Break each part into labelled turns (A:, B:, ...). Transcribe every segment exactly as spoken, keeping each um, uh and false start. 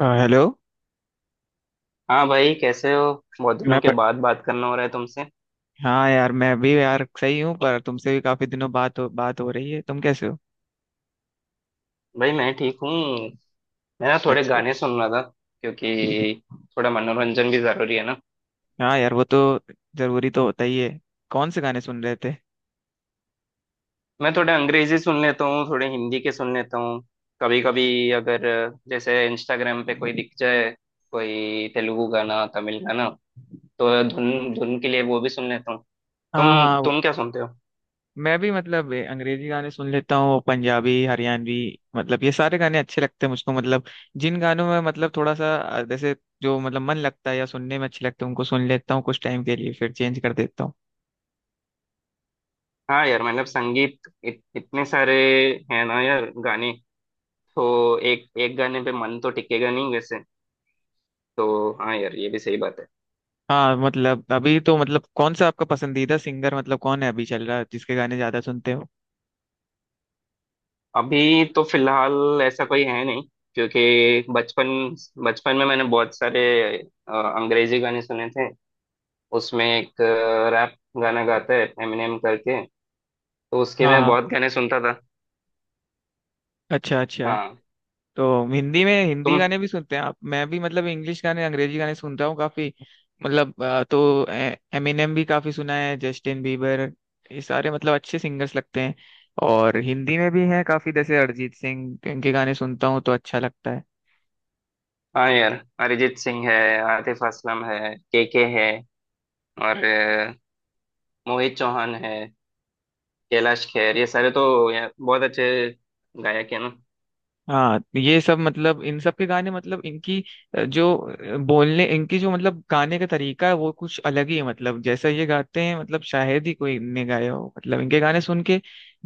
A: आ, hello.
B: हाँ भाई कैसे हो। बहुत दिनों
A: मैं
B: के
A: प...
B: बाद बात करना हो रहा है तुमसे।
A: हाँ यार, मैं भी यार सही हूँ, पर तुमसे भी काफी दिनों बात हो बात हो रही है। तुम कैसे हो?
B: भाई मैं ठीक हूँ। मैं ना थोड़े
A: अच्छा।
B: गाने सुन रहा था, क्योंकि थोड़ा मनोरंजन भी जरूरी है ना।
A: हाँ यार, वो तो जरूरी तो होता ही है। कौन से गाने सुन रहे थे?
B: मैं थोड़े अंग्रेजी सुन लेता हूँ, थोड़े हिंदी के सुन लेता हूँ। कभी कभी अगर जैसे इंस्टाग्राम पे कोई दिख जाए, कोई तेलुगु गाना, तमिल गाना, तो धुन धुन के लिए वो भी सुन लेता हूँ।
A: हाँ
B: तुम
A: हाँ, वो-
B: तुम क्या सुनते हो?
A: मैं भी मतलब ए, अंग्रेजी गाने सुन लेता हूँ, पंजाबी, हरियाणवी। मतलब ये सारे गाने अच्छे लगते हैं मुझको। मतलब जिन गानों में मतलब थोड़ा सा अ, जैसे जो मतलब मन लगता है या सुनने में अच्छे लगते हैं, उनको सुन लेता हूँ कुछ टाइम के लिए, फिर चेंज कर देता हूँ।
B: हाँ यार, मतलब संगीत इत, इतने सारे हैं ना यार गाने, तो एक एक गाने पे मन तो टिकेगा नहीं वैसे। तो हाँ यार, ये भी सही बात है।
A: हाँ मतलब अभी तो मतलब कौन सा आपका पसंदीदा सिंगर मतलब कौन है अभी चल रहा है, जिसके गाने ज्यादा सुनते हो?
B: अभी तो फिलहाल ऐसा कोई है नहीं। क्योंकि बचपन बचपन में मैंने बहुत सारे अ, अंग्रेजी गाने सुने थे। उसमें एक रैप गाना गाता है एमिनेम करके, तो उसके मैं
A: हाँ,
B: बहुत गाने सुनता था।
A: अच्छा अच्छा।
B: हाँ।
A: तो हिंदी में हिंदी
B: तुम।
A: गाने भी सुनते हैं आप? मैं भी मतलब इंग्लिश गाने, अंग्रेजी गाने सुनता हूँ काफी। मतलब अ, तो एमिनेम भी काफी सुना है, जस्टिन बीबर, ये सारे मतलब अच्छे सिंगर्स लगते हैं। और हिंदी में भी हैं काफी, जैसे अरिजीत सिंह, इनके गाने सुनता हूँ तो अच्छा लगता है।
B: हाँ यार, अरिजीत सिंह है, आतिफ असलम है, केके है, और अ, मोहित चौहान है, कैलाश खेर, ये सारे तो यार बहुत अच्छे गायक है ना।
A: हाँ तो ये सब मतलब इन सब के गाने मतलब इनकी अ, जो अ, बोलने इनकी जो मतलब गाने का तरीका है वो कुछ अलग ही है। मतलब जैसा ये गाते हैं मतलब शायद ही कोई ने गाया हो, मतलब इनके गाने सुन के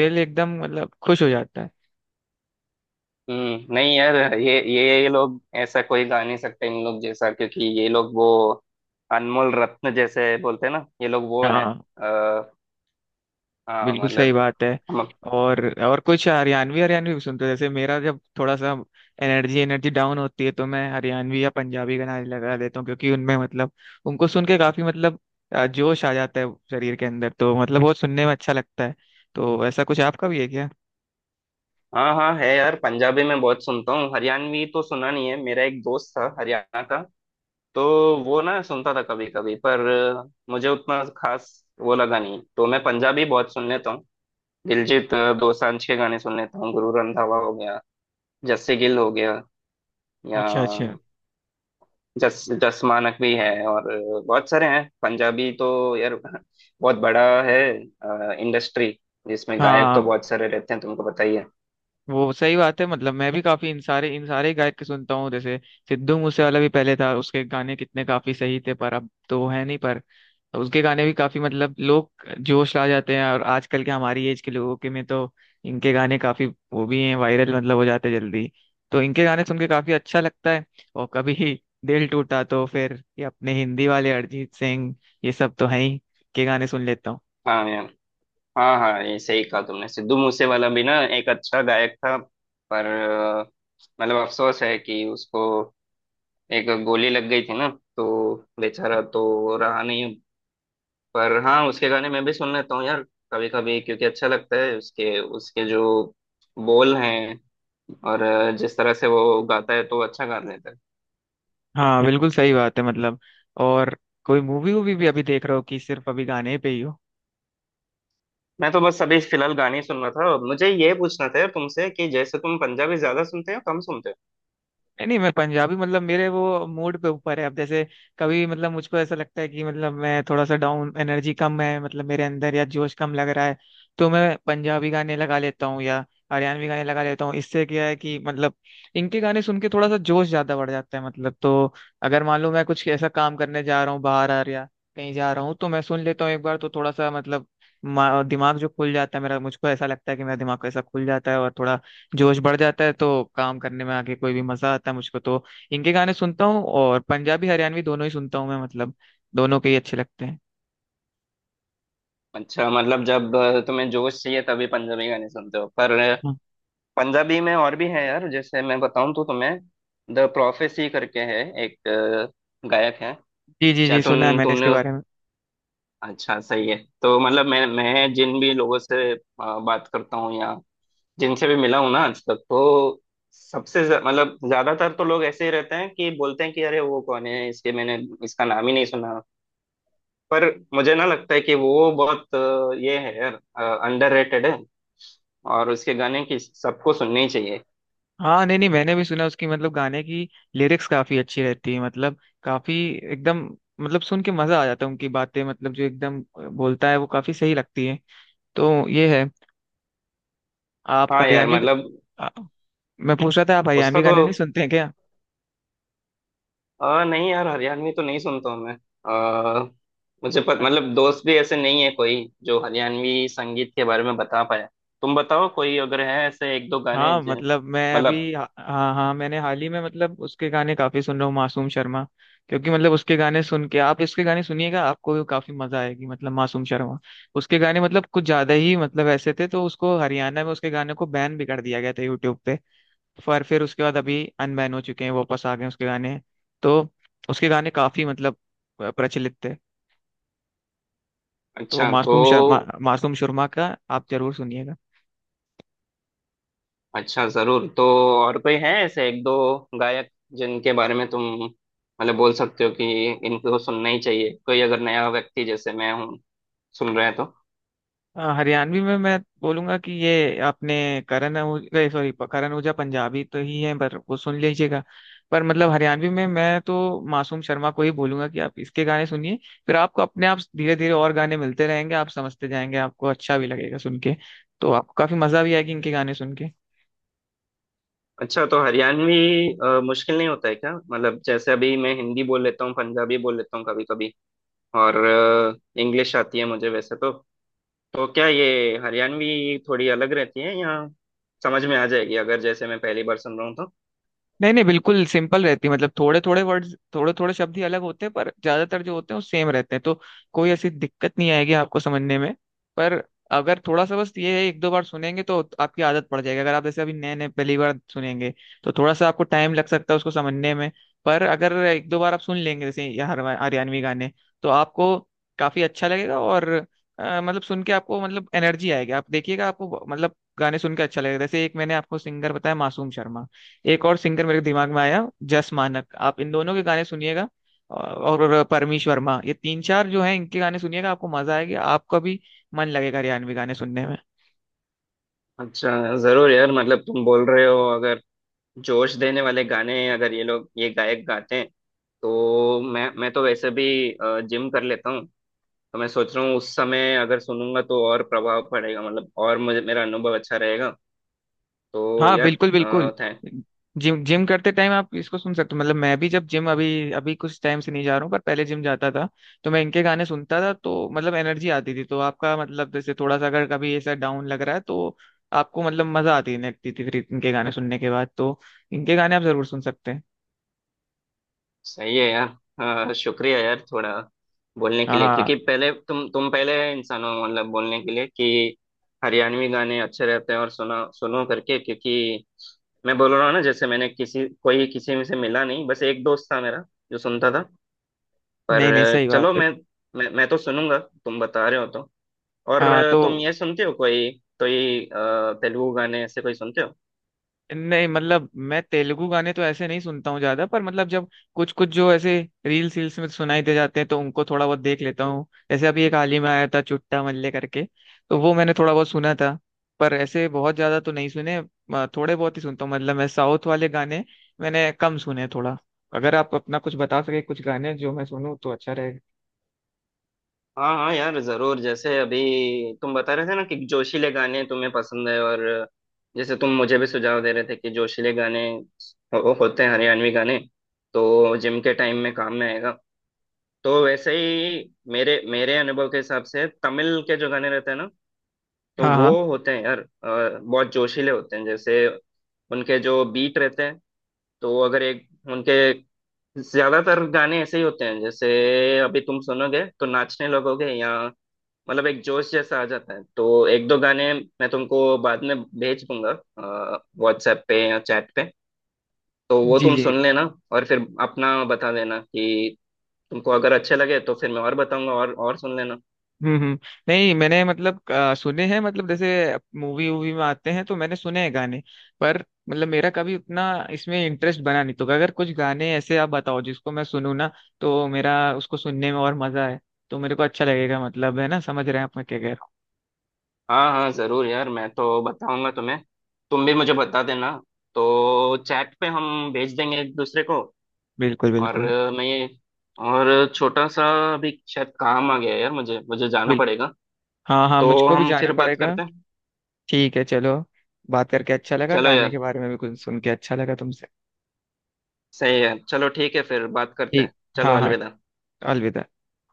A: दिल एकदम मतलब खुश हो जाता है।
B: हम्म। नहीं यार, ये ये ये लोग ऐसा कोई गा नहीं सकते इन लोग जैसा, क्योंकि ये लोग वो अनमोल रत्न जैसे बोलते हैं ना, ये लोग वो है।
A: हाँ,
B: आ, हाँ
A: बिल्कुल सही
B: मतलब।
A: बात है।
B: हम।
A: और और कुछ हरियाणवी हरियाणवी भी सुनते हो? जैसे मेरा जब थोड़ा सा एनर्जी एनर्जी डाउन होती है, तो मैं हरियाणवी या पंजाबी गाना लगा देता हूँ, क्योंकि उनमें मतलब उनको सुन के काफी मतलब अ, जोश आ जाता है शरीर के अंदर, तो मतलब बहुत सुनने में अच्छा लगता है। तो ऐसा कुछ आपका भी है क्या?
B: हाँ हाँ है यार, पंजाबी में बहुत सुनता हूँ। हरियाणवी तो सुना नहीं है। मेरा एक दोस्त था हरियाणा का, तो वो ना सुनता था कभी कभी, पर मुझे उतना खास वो लगा नहीं। तो मैं पंजाबी बहुत सुन लेता हूँ। दिलजीत दोसांझ के गाने सुन लेता हूँ, गुरु रंधावा हो गया, जस्सी गिल हो गया, या
A: अच्छा अच्छा।
B: जस जस मानक भी है, और बहुत सारे हैं। पंजाबी तो यार बहुत बड़ा है इंडस्ट्री, जिसमें गायक तो
A: हाँ,
B: बहुत सारे रहते हैं, तुमको पता ही है।
A: वो सही बात है। मतलब मैं भी काफी इन सारे इन सारे गायक के सुनता हूँ। जैसे सिद्धू मूसेवाला भी पहले था, उसके गाने कितने काफी सही थे, पर अब तो वो है नहीं। पर उसके गाने भी काफी मतलब लोग जोश ला जाते हैं, और आजकल के हमारी एज के लोगों के में तो इनके गाने काफी वो भी हैं वायरल, मतलब हो जाते हैं जल्दी। तो इनके गाने सुन के काफी अच्छा लगता है। और कभी दिल टूटा तो फिर ये अपने हिंदी वाले अरिजीत सिंह, ये सब तो हैं ही, के गाने सुन लेता हूँ।
B: हाँ यार। हाँ हाँ, ये सही कहा तुमने, सिद्धू मूसेवाला भी ना एक अच्छा गायक था। पर अ, मतलब अफसोस है कि उसको एक गोली लग गई थी ना, तो बेचारा तो रहा नहीं। पर हाँ, उसके गाने मैं भी सुन लेता हूँ यार कभी कभी, क्योंकि अच्छा लगता है उसके उसके जो बोल हैं, और अ, जिस तरह से वो गाता है तो अच्छा गा लेता है।
A: हाँ बिल्कुल सही बात है, मतलब। और कोई मूवी वूवी भी अभी देख रहे हो, कि सिर्फ अभी गाने पे ही हो?
B: मैं तो बस अभी फिलहाल गाने ही सुन रहा था। और मुझे ये पूछना था यार तुमसे कि जैसे तुम पंजाबी ज्यादा सुनते हो, कम सुनते हो?
A: नहीं नहीं, मैं पंजाबी मतलब मेरे वो मूड पे ऊपर है। अब जैसे कभी मतलब मुझको ऐसा लगता है कि मतलब मैं थोड़ा सा डाउन, एनर्जी कम है मतलब मेरे अंदर, या जोश कम लग रहा है, तो मैं पंजाबी गाने लगा लेता हूँ या हरियाणवी गाने लगा लेता हूँ। इससे क्या है कि मतलब इनके गाने सुन के थोड़ा सा जोश ज्यादा बढ़ जाता है मतलब। तो अगर मान लो मैं कुछ ऐसा काम करने जा रहा हूँ बाहर आ या कहीं जा रहा हूँ, तो मैं सुन लेता हूँ एक बार, तो थोड़ा सा मतलब मा- दिमाग जो खुल जाता है मेरा, मुझको ऐसा लगता है कि मेरा दिमाग ऐसा खुल जाता है और थोड़ा जोश बढ़ जाता है, तो काम करने में आगे कोई भी मजा आता है मुझको। तो इनके गाने सुनता हूँ, और पंजाबी हरियाणवी दोनों ही सुनता हूँ मैं, मतलब दोनों के ही अच्छे लगते हैं।
B: अच्छा मतलब जब अ, तुम्हें जोश चाहिए तभी पंजाबी गाने सुनते हो पर अ,
A: हाँ।
B: पंजाबी में और भी है यार। जैसे मैं बताऊं तो तुम्हें, द प्रोफेसी करके है एक अ, गायक है।
A: जी जी जी,
B: शायद
A: सुना है
B: तुम
A: मैंने
B: तुमने।
A: इसके बारे में।
B: अच्छा सही है। तो मतलब मैं मैं जिन भी लोगों से अ, बात करता हूँ या जिनसे भी मिला हूं ना आज तक, तो सबसे ज- मतलब ज्यादातर तो लोग ऐसे ही रहते हैं कि बोलते हैं कि अरे वो कौन है, इसके मैंने इसका नाम ही नहीं सुना। पर मुझे ना लगता है कि वो बहुत अ, ये है यार अंडररेटेड है और उसके गाने की सबको सुनने ही चाहिए।
A: हाँ नहीं नहीं, मैंने भी सुना, उसकी मतलब गाने की लिरिक्स काफी अच्छी रहती है, मतलब काफी एकदम, मतलब सुन के मजा आ जाता है, उनकी बातें मतलब जो एकदम बोलता है वो काफी सही लगती है। तो ये है। आप
B: हाँ यार
A: हरियाणवी
B: मतलब।
A: आ- मैं पूछ रहा था, आप
B: उसका
A: हरियाणवी
B: तो
A: गाने नहीं सुनते हैं क्या?
B: अ, नहीं यार, हरियाणवी तो नहीं सुनता हूँ मैं। अ, मुझे पत, मतलब दोस्त भी ऐसे नहीं है कोई जो हरियाणवी संगीत के बारे में बता पाए। तुम बताओ कोई अगर है ऐसे एक दो गाने
A: हाँ
B: जो-
A: मतलब मैं
B: मतलब।
A: अभी हाँ, हाँ मैंने हाल ही में मतलब उसके गाने काफी सुन रहा हूँ, मासूम शर्मा। क्योंकि मतलब उसके गाने सुन के, आप इसके गाने सुनिएगा, आपको भी काफी मजा आएगी मतलब। मासूम शर्मा, उसके गाने मतलब कुछ ज्यादा ही मतलब ऐसे थे, तो उसको हरियाणा में उसके गाने को बैन भी कर दिया गया था यूट्यूब पे। पर फिर उसके बाद अभी अनबैन हो चुके हैं, वापस आ गए हैं उसके गाने। तो उसके गाने काफी मतलब प्रचलित थे। तो
B: अच्छा तो।
A: मासूम शर्मा, मासूम शर्मा का आप जरूर सुनिएगा।
B: अच्छा जरूर। तो और कोई है ऐसे एक दो गायक जिनके बारे में तुम मतलब बोल सकते हो कि इनको सुनना ही चाहिए, कोई अगर नया व्यक्ति जैसे मैं हूँ सुन रहे हैं तो?
A: हाँ, हरियाणवी में मैं बोलूंगा कि ये अपने करण ओजला, सॉरी, करण ओजला पंजाबी तो ही है, पर वो सुन लीजिएगा। पर मतलब हरियाणवी में मैं तो मासूम शर्मा को ही बोलूंगा कि आप इसके गाने सुनिए। फिर आपको अपने आप धीरे धीरे और गाने मिलते रहेंगे, आप समझते जाएंगे, आपको अच्छा भी लगेगा सुन के। तो आपको काफी मजा भी आएगी इनके गाने सुन के।
B: अच्छा तो हरियाणवी अ, मुश्किल नहीं होता है क्या? मतलब जैसे अभी मैं हिंदी बोल लेता हूँ, पंजाबी बोल लेता हूँ कभी कभी, और इंग्लिश आती है मुझे वैसे तो। तो क्या ये हरियाणवी थोड़ी अलग रहती है या समझ में आ जाएगी अगर जैसे मैं पहली बार सुन रहा हूँ तो?
A: नहीं नहीं, बिल्कुल सिंपल रहती है मतलब। थोड़े थोड़े वर्ड्स, थोड़े थोड़े शब्द ही अलग होते हैं, पर ज्यादातर जो होते हैं वो सेम रहते हैं, तो कोई ऐसी दिक्कत नहीं आएगी आपको समझने में। पर अगर थोड़ा सा बस ये है, एक दो बार सुनेंगे तो आपकी आदत पड़ जाएगी। अगर आप जैसे अभी नए नए पहली बार सुनेंगे, तो थोड़ा सा आपको टाइम लग सकता है उसको समझने में। पर अगर एक दो बार आप सुन लेंगे जैसे ये हर- हरियाणवी गाने, तो आपको काफी अच्छा लगेगा। और अ, मतलब सुन के आपको मतलब एनर्जी आएगी, आप देखिएगा आपको मतलब गाने सुन के अच्छा लगेगा। जैसे एक मैंने आपको सिंगर बताया, मासूम शर्मा। एक और सिंगर मेरे दिमाग में आया, जस मानक। आप इन दोनों के गाने सुनिएगा। और परमीश वर्मा, ये तीन चार जो हैं, इनके गाने सुनिएगा, आपको मजा आएगा, आपका भी मन लगेगा हरियाणवी गाने सुनने में।
B: अच्छा जरूर यार, मतलब तुम बोल रहे हो अगर जोश देने वाले गाने अगर ये लोग ये गायक गाते हैं, तो मैं मैं तो वैसे भी जिम कर लेता हूँ, तो मैं सोच रहा हूँ उस समय अगर सुनूंगा तो और प्रभाव पड़ेगा, मतलब और मुझे मेरा अनुभव अच्छा रहेगा। तो
A: हाँ
B: यार
A: बिल्कुल बिल्कुल।
B: अ, थैंक।
A: जिम जिम करते टाइम आप इसको सुन सकते हो। मतलब मैं भी जब जिम अभी अभी कुछ टाइम से नहीं जा रहा हूँ, पर पहले जिम जाता था, तो मैं इनके गाने सुनता था, तो मतलब एनर्जी आती थी। तो आपका मतलब जैसे थोड़ा सा अगर कभी ऐसा डाउन लग रहा है, तो आपको मतलब मजा आती लगती थी फिर इनके गाने सुनने के बाद, तो इनके गाने आप जरूर सुन सकते हैं।
B: सही है यार। अ, शुक्रिया यार थोड़ा बोलने के लिए,
A: हाँ
B: क्योंकि पहले तुम तुम पहले इंसान हो मतलब बोलने के लिए कि हरियाणवी गाने अच्छे रहते हैं और सुना सुनो करके, क्योंकि मैं बोल रहा हूँ ना जैसे मैंने किसी कोई किसी में से मिला नहीं, बस एक दोस्त था मेरा जो सुनता था, पर।
A: नहीं नहीं, सही
B: चलो
A: बात है।
B: मैं, मैं मैं तो सुनूंगा तुम बता रहे हो तो। और
A: हाँ तो
B: तुम ये सुनते हो कोई, कोई अ, तेलुगु गाने ऐसे कोई सुनते हो?
A: नहीं मतलब मैं तेलुगु गाने तो ऐसे नहीं सुनता हूँ ज्यादा, पर मतलब जब कुछ कुछ जो ऐसे रील्स रील्स में सुनाई दे जाते हैं, तो उनको थोड़ा बहुत देख लेता हूँ। जैसे अभी एक हाल ही में आया था, चुट्टा मल्ले करके, तो वो मैंने थोड़ा बहुत सुना था, पर ऐसे बहुत ज्यादा तो नहीं सुने। अ, थोड़े बहुत ही सुनता हूँ मतलब मैं साउथ वाले गाने, मैंने कम सुने हैं थोड़ा। अगर आप अपना कुछ बता सके कुछ गाने जो मैं सुनूँ तो अच्छा रहेगा।
B: हाँ हाँ यार जरूर। जैसे अभी तुम बता रहे थे ना कि जोशीले गाने तुम्हें पसंद है, और जैसे तुम मुझे भी सुझाव दे रहे थे कि जोशीले गाने हो, होते हैं हरियाणवी गाने, तो जिम के टाइम में काम में आएगा। तो वैसे ही मेरे मेरे अनुभव के हिसाब से तमिल के जो गाने रहते हैं ना, तो
A: हाँ
B: वो
A: हाँ।
B: होते हैं यार अ, बहुत जोशीले होते हैं। जैसे उनके जो बीट रहते हैं, तो वो अगर एक उनके ज्यादातर गाने ऐसे ही होते हैं, जैसे अभी तुम सुनोगे तो नाचने लगोगे या मतलब एक जोश जैसा आ जाता है। तो एक दो गाने मैं तुमको बाद में भेज दूंगा व्हाट्सएप पे या चैट पे, तो वो
A: जी
B: तुम
A: जी।
B: सुन लेना। और फिर अपना बता देना कि तुमको अगर अच्छे लगे तो फिर मैं और बताऊंगा और और सुन लेना।
A: हम्म हम्म। नहीं मैंने मतलब अ, सुने हैं, मतलब जैसे मूवी वूवी में आते हैं तो मैंने सुने हैं गाने, पर मतलब मेरा कभी उतना इसमें इंटरेस्ट बना नहीं, तो अगर कुछ गाने ऐसे आप बताओ जिसको मैं सुनूं ना, तो मेरा उसको सुनने में और मजा है, तो मेरे को अच्छा लगेगा। मतलब है ना, समझ रहे हैं आप मैं क्या कह रहा हूँ?
B: हाँ हाँ जरूर यार, मैं तो बताऊंगा तुम्हें, तुम भी मुझे बता देना। तो चैट पे हम भेज देंगे एक दूसरे को।
A: बिल्कुल
B: और
A: बिल्कुल।
B: अ, मैं ये और छोटा सा अभी शायद काम आ गया है यार, मुझे मुझे जाना
A: बिल
B: पड़ेगा।
A: हाँ हाँ,
B: तो
A: मुझको भी
B: हम
A: जाना
B: फिर बात
A: पड़ेगा।
B: करते हैं।
A: ठीक है चलो। बात करके अच्छा लगा,
B: चलो
A: गाने के
B: यार,
A: बारे में भी कुछ सुन के अच्छा लगा तुमसे।
B: सही है, चलो ठीक है, फिर बात करते हैं।
A: ठीक।
B: चलो
A: हाँ हाँ।
B: अलविदा।
A: अलविदा।